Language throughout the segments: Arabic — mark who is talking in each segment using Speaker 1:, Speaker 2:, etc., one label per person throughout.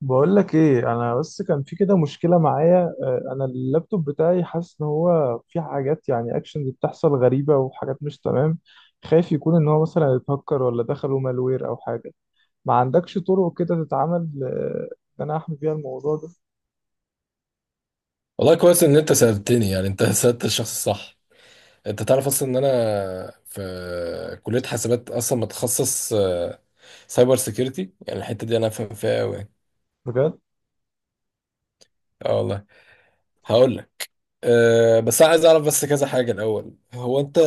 Speaker 1: بقول لك ايه. انا بس كان في كده مشكله معايا، انا اللابتوب بتاعي حاسس ان هو في حاجات يعني اكشنز بتحصل غريبه وحاجات مش تمام. خايف يكون ان هو مثلا اتهكر ولا دخلوا مالوير او حاجه. ما عندكش طرق كده تتعامل، ان انا احمي بيها الموضوع ده؟
Speaker 2: والله كويس ان انت سألتني يعني انت سألت الشخص الصح. انت تعرف اصلا ان انا في كلية حاسبات اصلا متخصص سايبر سيكيورتي، يعني الحتة دي انا فاهم فيها قوي.
Speaker 1: بجد.
Speaker 2: اه والله. هقول لك. بس انا عايز اعرف بس كذا حاجة الاول، هو انت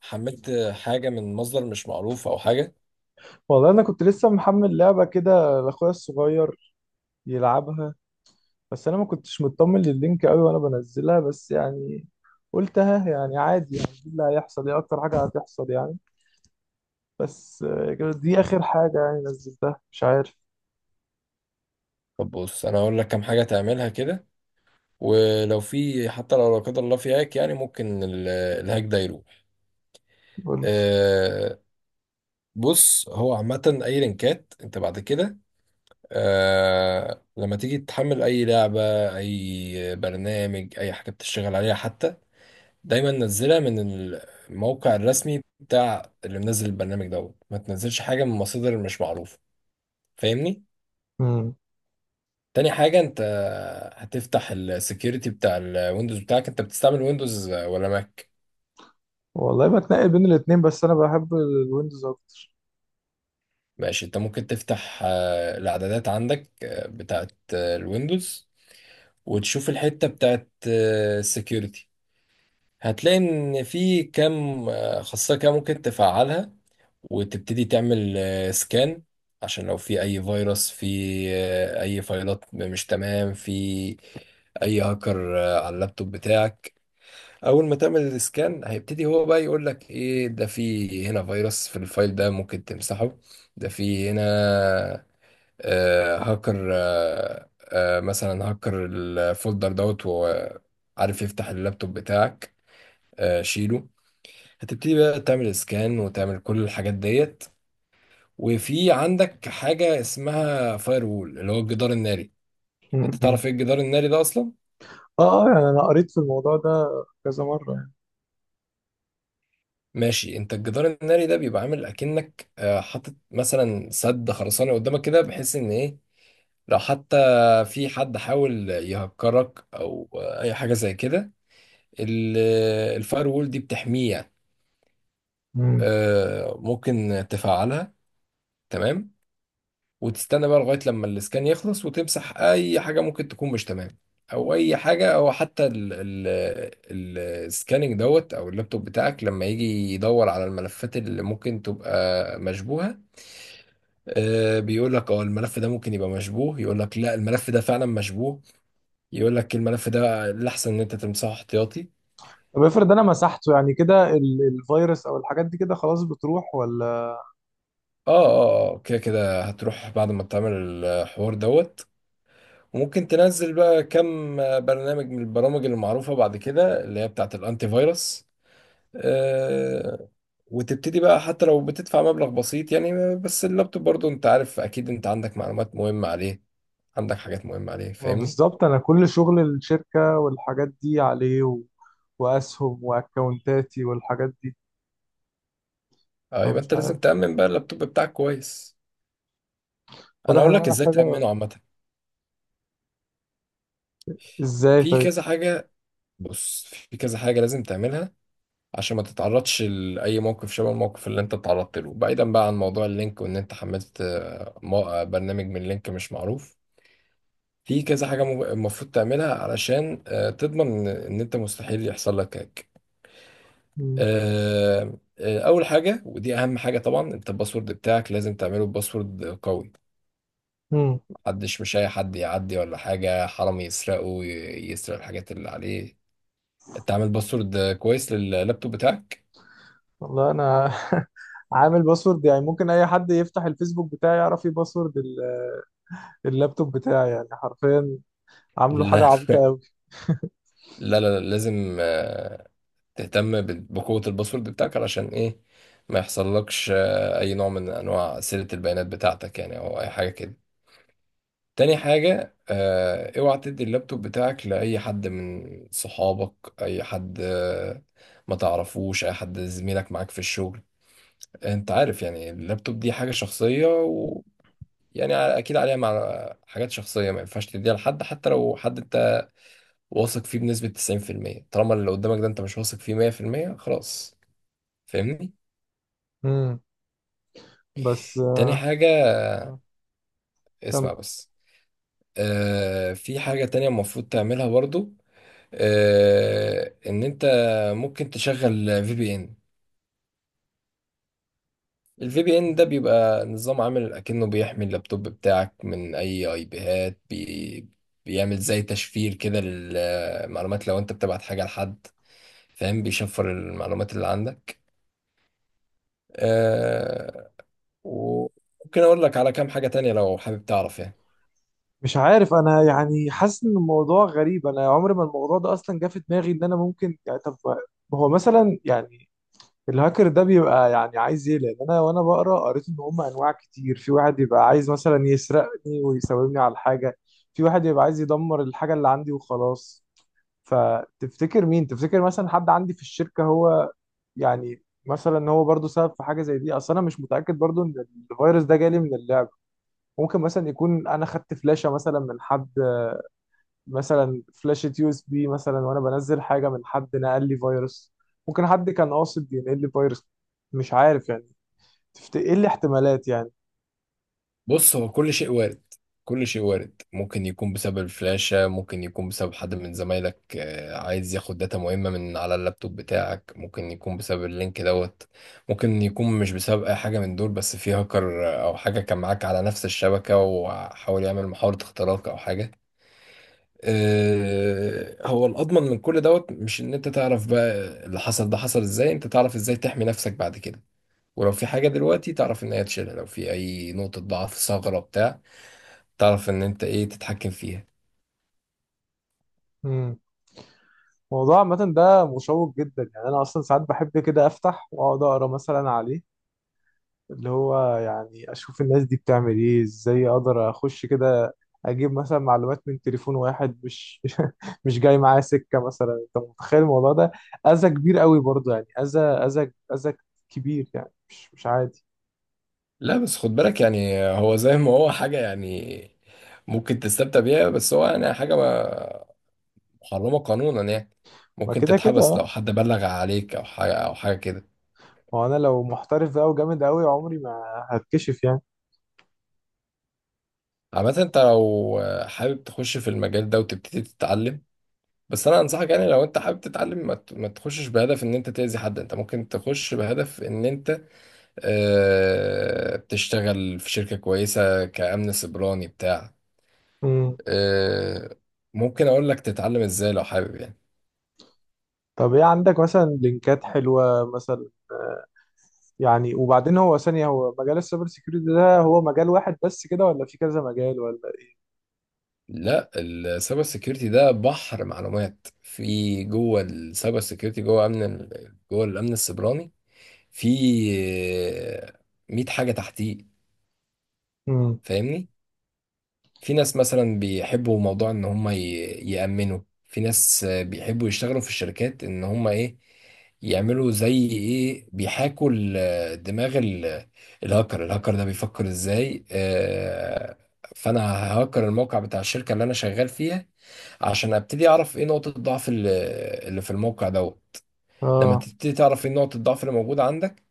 Speaker 2: حملت حاجة من مصدر مش معروف او حاجة؟
Speaker 1: والله انا كنت لسه محمل لعبه كده لاخويا الصغير يلعبها، بس انا ما كنتش مطمن لللينك قوي وانا بنزلها، بس يعني قلتها يعني عادي، يعني إيه اللي هيحصل؟ ايه اكتر حاجه هتحصل يعني؟ بس كانت دي اخر حاجة يعني نزلتها، مش عارف.
Speaker 2: طب بص، انا هقول لك كام حاجة تعملها كده، ولو في حتى لو لا قدر الله في هاك يعني ممكن الهاك ده يروح.
Speaker 1: قول لي.
Speaker 2: أه بص، هو عامة أي لينكات أنت بعد كده لما تيجي تحمل اي لعبة، اي برنامج، اي حاجة بتشتغل عليها حتى، دايما نزلها من الموقع الرسمي بتاع اللي منزل البرنامج دوت، ما تنزلش حاجة من مصادر مش معروفة، فاهمني؟
Speaker 1: مم.
Speaker 2: تاني حاجة، انت هتفتح السكيورتي بتاع الويندوز بتاعك، انت بتستعمل ويندوز ولا ماك؟
Speaker 1: والله بتنقل بين الاتنين، بس انا بحب الويندوز اكتر.
Speaker 2: ماشي، انت ممكن تفتح الاعدادات عندك، بتاعت الويندوز، وتشوف الحتة بتاعت السكيورتي. هتلاقي ان في كام خاصية كده ممكن تفعلها، وتبتدي تعمل سكان عشان لو في اي فيروس، في اي فايلات مش تمام، في اي هاكر على اللابتوب بتاعك. اول ما تعمل السكان هيبتدي هو بقى يقول لك ايه، ده في هنا فيروس في الفايل ده ممكن تمسحه، ده في هنا هاكر، مثلا هاكر الفولدر دوت وعارف يفتح اللابتوب بتاعك، شيله. هتبتدي بقى تعمل سكان وتعمل كل الحاجات ديت. وفي عندك حاجة اسمها فاير وول، اللي هو الجدار الناري. انت
Speaker 1: مم. مم.
Speaker 2: تعرف ايه الجدار الناري ده اصلا؟
Speaker 1: اه اه، يعني انا قريت في الموضوع ده كذا مرة يعني.
Speaker 2: ماشي، انت الجدار الناري ده بيبقى عامل اكنك حاطط مثلا سد خرساني قدامك كده، بحيث ان ايه لو حتى في حد حاول يهكرك او اي حاجة زي كده، ال- الفاير وول دي بتحميه يعني.
Speaker 1: مم.
Speaker 2: ممكن تفعلها، تمام. وتستنى بقى لغاية لما الاسكان يخلص، وتمسح أي حاجة ممكن تكون مش تمام، أو أي حاجة، أو حتى ال السكاننج دوت، أو اللابتوب بتاعك لما يجي يدور على الملفات اللي ممكن تبقى مشبوهة. بيقول لك الملف ده ممكن يبقى مشبوه، يقول لك لا، الملف ده فعلا مشبوه، يقول لك الملف ده الأحسن إن أنت تمسحه احتياطي.
Speaker 1: طب افرض انا مسحته يعني، كده الفيروس او الحاجات دي كده خلاص بتروح ولا؟
Speaker 2: اه، اه، اه، كده كده هتروح بعد ما تعمل الحوار دوت، وممكن تنزل بقى كم برنامج من البرامج المعروفة بعد كده، اللي هي بتاعة الأنتي فيروس. آه، وتبتدي بقى، حتى لو بتدفع مبلغ بسيط يعني، بس اللابتوب برضو انت عارف اكيد، انت عندك معلومات مهمة عليه، عندك حاجات مهمة عليه،
Speaker 1: ما
Speaker 2: فاهمني؟
Speaker 1: بالظبط انا كل شغل الشركة والحاجات دي عليه و... واسهم واكونتاتي والحاجات دي.
Speaker 2: اه، يبقى
Speaker 1: فمش
Speaker 2: انت
Speaker 1: عارف،
Speaker 2: لازم تأمن بقى اللابتوب بتاعك كويس. انا
Speaker 1: واضح ان
Speaker 2: اقول
Speaker 1: انا
Speaker 2: لك ازاي
Speaker 1: محتاجة.
Speaker 2: تأمنه عامة.
Speaker 1: ازاي
Speaker 2: في
Speaker 1: طيب؟
Speaker 2: كذا حاجة. بص في كذا حاجة لازم تعملها عشان ما تتعرضش لأي موقف شبه الموقف اللي انت اتعرضت له، بعيدا بقى عن موضوع اللينك وان انت حملت برنامج من لينك مش معروف. في كذا حاجة المفروض تعملها علشان تضمن ان انت مستحيل يحصل لك هاك.
Speaker 1: مم.
Speaker 2: اول حاجة ودي اهم حاجة طبعا، انت الباسورد بتاعك لازم تعمله باسورد قوي،
Speaker 1: مم.
Speaker 2: محدش مش اي حد يعدي ولا حاجة حرام يسرقه، يسرق الحاجات اللي عليه، تعمل باسورد كويس لللابتوب بتاعك.
Speaker 1: والله انا عامل باسورد يعني ممكن اي حد يفتح الفيسبوك بتاعي يعرف ايه باسورد اللابتوب بتاعي، يعني حرفيا عامله حاجه
Speaker 2: لا،
Speaker 1: عبيطه قوي.
Speaker 2: لا، لا، لا، لازم تهتم بقوة الباسورد بتاعك علشان ايه ما يحصلكش اي نوع من انواع سرقة البيانات بتاعتك يعني، او اي حاجة كده. تاني حاجة، اوعى تدي اللابتوب بتاعك لأي حد من صحابك، أي حد ما تعرفوش، أي حد زميلك معاك في الشغل. أنت عارف يعني اللابتوب دي حاجة شخصية، ويعني أكيد عليها مع حاجات شخصية، ما ينفعش تديها لحد، حتى لو حد أنت واثق فيه بنسبة 90%، طالما اللي قدامك ده أنت مش واثق فيه 100% خلاص، فاهمني؟
Speaker 1: امم بس،
Speaker 2: تاني حاجة،
Speaker 1: آه، كم.
Speaker 2: اسمع بس. في حاجة تانية المفروض تعملها برضو، ان انت ممكن تشغل في بي ان. الفي بي ان ده بيبقى نظام عامل اكنه بيحمي اللابتوب بتاعك من اي بيهات بي، بيعمل زي تشفير كده للمعلومات، لو انت بتبعت حاجة لحد، فاهم، بيشفر المعلومات اللي عندك. آه وممكن اقول لك على كام حاجة تانية لو حابب تعرف يعني.
Speaker 1: مش عارف انا، يعني حاسس ان الموضوع غريب. انا عمري ما الموضوع ده اصلا جه في دماغي. ان انا ممكن يعني، طب هو مثلا يعني الهاكر ده بيبقى يعني عايز ايه؟ لان انا وانا بقرا قريت ان هم انواع كتير. في واحد يبقى عايز مثلا يسرقني ويساومني على الحاجه، في واحد يبقى عايز يدمر الحاجه اللي عندي وخلاص. فتفتكر مين؟ تفتكر مثلا حد عندي في الشركة هو يعني مثلا هو برضو سبب في حاجة زي دي؟ اصل انا مش متأكد برضو ان الفيروس ده جالي من اللعب. ممكن مثلا يكون انا خدت فلاشة مثلا من حد، مثلا فلاشة يو اس بي مثلا، وانا بنزل حاجة من حد نقل لي فيروس. ممكن حد كان قاصد ينقل لي فيروس، مش عارف يعني. ايه الاحتمالات يعني؟
Speaker 2: بص، هو كل شيء وارد، كل شيء وارد، ممكن يكون بسبب الفلاشة، ممكن يكون بسبب حد من زمايلك عايز ياخد داتا مهمة من على اللابتوب بتاعك، ممكن يكون بسبب اللينك دوت، ممكن يكون مش بسبب أي حاجة من دول، بس في هاكر أو حاجة كان معاك على نفس الشبكة وحاول يعمل محاولة اختراق أو حاجة. هو الأضمن من كل دوت مش إن أنت تعرف بقى اللي حصل ده حصل إزاي، أنت تعرف إزاي تحمي نفسك بعد كده، ولو في حاجة دلوقتي تعرف إن هي تشيلها، لو في أي نقطة ضعف ثغرة بتاع، تعرف ان انت ايه تتحكم فيها.
Speaker 1: امم الموضوع عامة ده مشوق جدا يعني. انا اصلا ساعات بحب كده افتح واقعد اقرا مثلا عليه، اللي هو يعني اشوف الناس دي بتعمل ايه، ازاي اقدر اخش كده اجيب مثلا معلومات من تليفون واحد مش مش جاي معاه سكه مثلا. انت متخيل الموضوع ده؟ اذى كبير قوي برضه يعني، اذى اذى اذى كبير يعني، مش مش عادي.
Speaker 2: لا بس خد بالك يعني، هو زي ما هو حاجة يعني ممكن تستمتع بيها، بس هو يعني حاجة محرمة قانونا يعني،
Speaker 1: ما
Speaker 2: ممكن
Speaker 1: كده كده
Speaker 2: تتحبس لو
Speaker 1: اه،
Speaker 2: حد بلغ عليك او حاجة او حاجة كده.
Speaker 1: ما هو انا لو محترف بقى وجامد قوي عمري ما هتكشف يعني.
Speaker 2: عامة انت لو حابب تخش في المجال ده وتبتدي تتعلم، بس انا انصحك يعني لو انت حابب تتعلم ما تخشش بهدف ان انت تأذي حد، انت ممكن تخش بهدف ان انت تشتغل في شركة كويسة كأمن سيبراني بتاع.
Speaker 1: امم
Speaker 2: آه، ممكن اقول لك تتعلم ازاي لو حابب يعني.
Speaker 1: طب ايه عندك مثلا لينكات حلوه مثلا يعني؟ وبعدين هو ثانيه، هو مجال السايبر سيكيورتي ده هو مجال واحد بس كده ولا في كذا مجال ولا
Speaker 2: لا، السايبر سيكيورتي ده بحر معلومات، في جوه السايبر سيكيورتي، جوه امن جوه الامن السيبراني في آه، 100 حاجه تحتيه،
Speaker 1: ايه؟
Speaker 2: فاهمني؟ في ناس مثلا بيحبوا موضوع ان هم يأمنوا، في ناس بيحبوا يشتغلوا في الشركات ان هم ايه يعملوا زي ايه، بيحاكوا دماغ الهاكر، الهاكر ده بيفكر ازاي، فانا ههاكر الموقع بتاع الشركة اللي انا شغال فيها عشان ابتدي اعرف ايه نقطة الضعف اللي في الموقع دوت. لما
Speaker 1: اه.
Speaker 2: تبتدي تعرف ايه نقطة الضعف اللي موجودة عندك،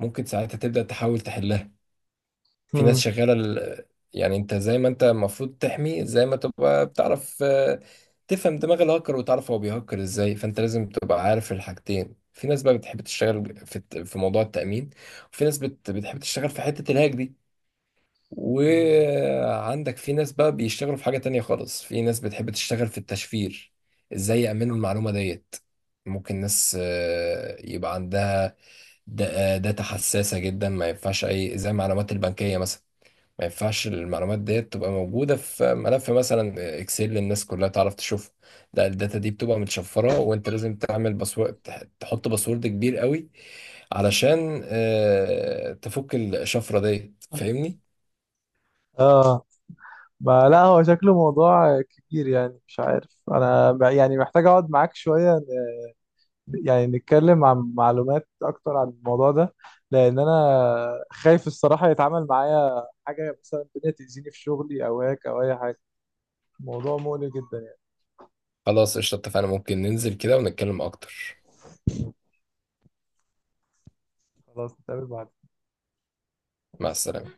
Speaker 2: ممكن ساعتها تبدأ تحاول تحلها. في ناس
Speaker 1: هم.
Speaker 2: شغالة يعني انت زي ما انت المفروض تحمي زي ما تبقى بتعرف تفهم دماغ الهاكر، وتعرف هو بيهكر ازاي، فانت لازم تبقى عارف الحاجتين. في ناس بقى بتحب تشتغل في في موضوع التأمين، وفي ناس بتحب تشتغل في حتة الهاك دي،
Speaker 1: مم.
Speaker 2: وعندك في ناس بقى بيشتغلوا في حاجة تانية خالص، في ناس بتحب تشتغل في التشفير، ازاي يأمنوا المعلومة ديت. ممكن ناس يبقى عندها داتا حساسة جدا، ما ينفعش أي زي المعلومات البنكية مثلا، ما ينفعش المعلومات ديت تبقى موجودة في ملف مثلا اكسل الناس كلها تعرف تشوفها، لا الداتا دي بتبقى متشفرة، وانت لازم تعمل باسورد، تحط باسورد كبير قوي علشان تفك الشفرة ديت، فاهمني؟
Speaker 1: اه، ما لا هو شكله موضوع كبير يعني. مش عارف انا يعني محتاج اقعد معاك شوية يعني نتكلم عن معلومات اكتر عن الموضوع ده. لان انا خايف الصراحة يتعامل معايا حاجة مثلا الدنيا تأذيني في شغلي او هيك او اي حاجة. الموضوع مقلق جدا يعني.
Speaker 2: خلاص قشطة، اتفقنا ممكن ننزل كده ونتكلم اكتر.
Speaker 1: خلاص نتقابل بعد.
Speaker 2: مع السلامة.
Speaker 1: السلام.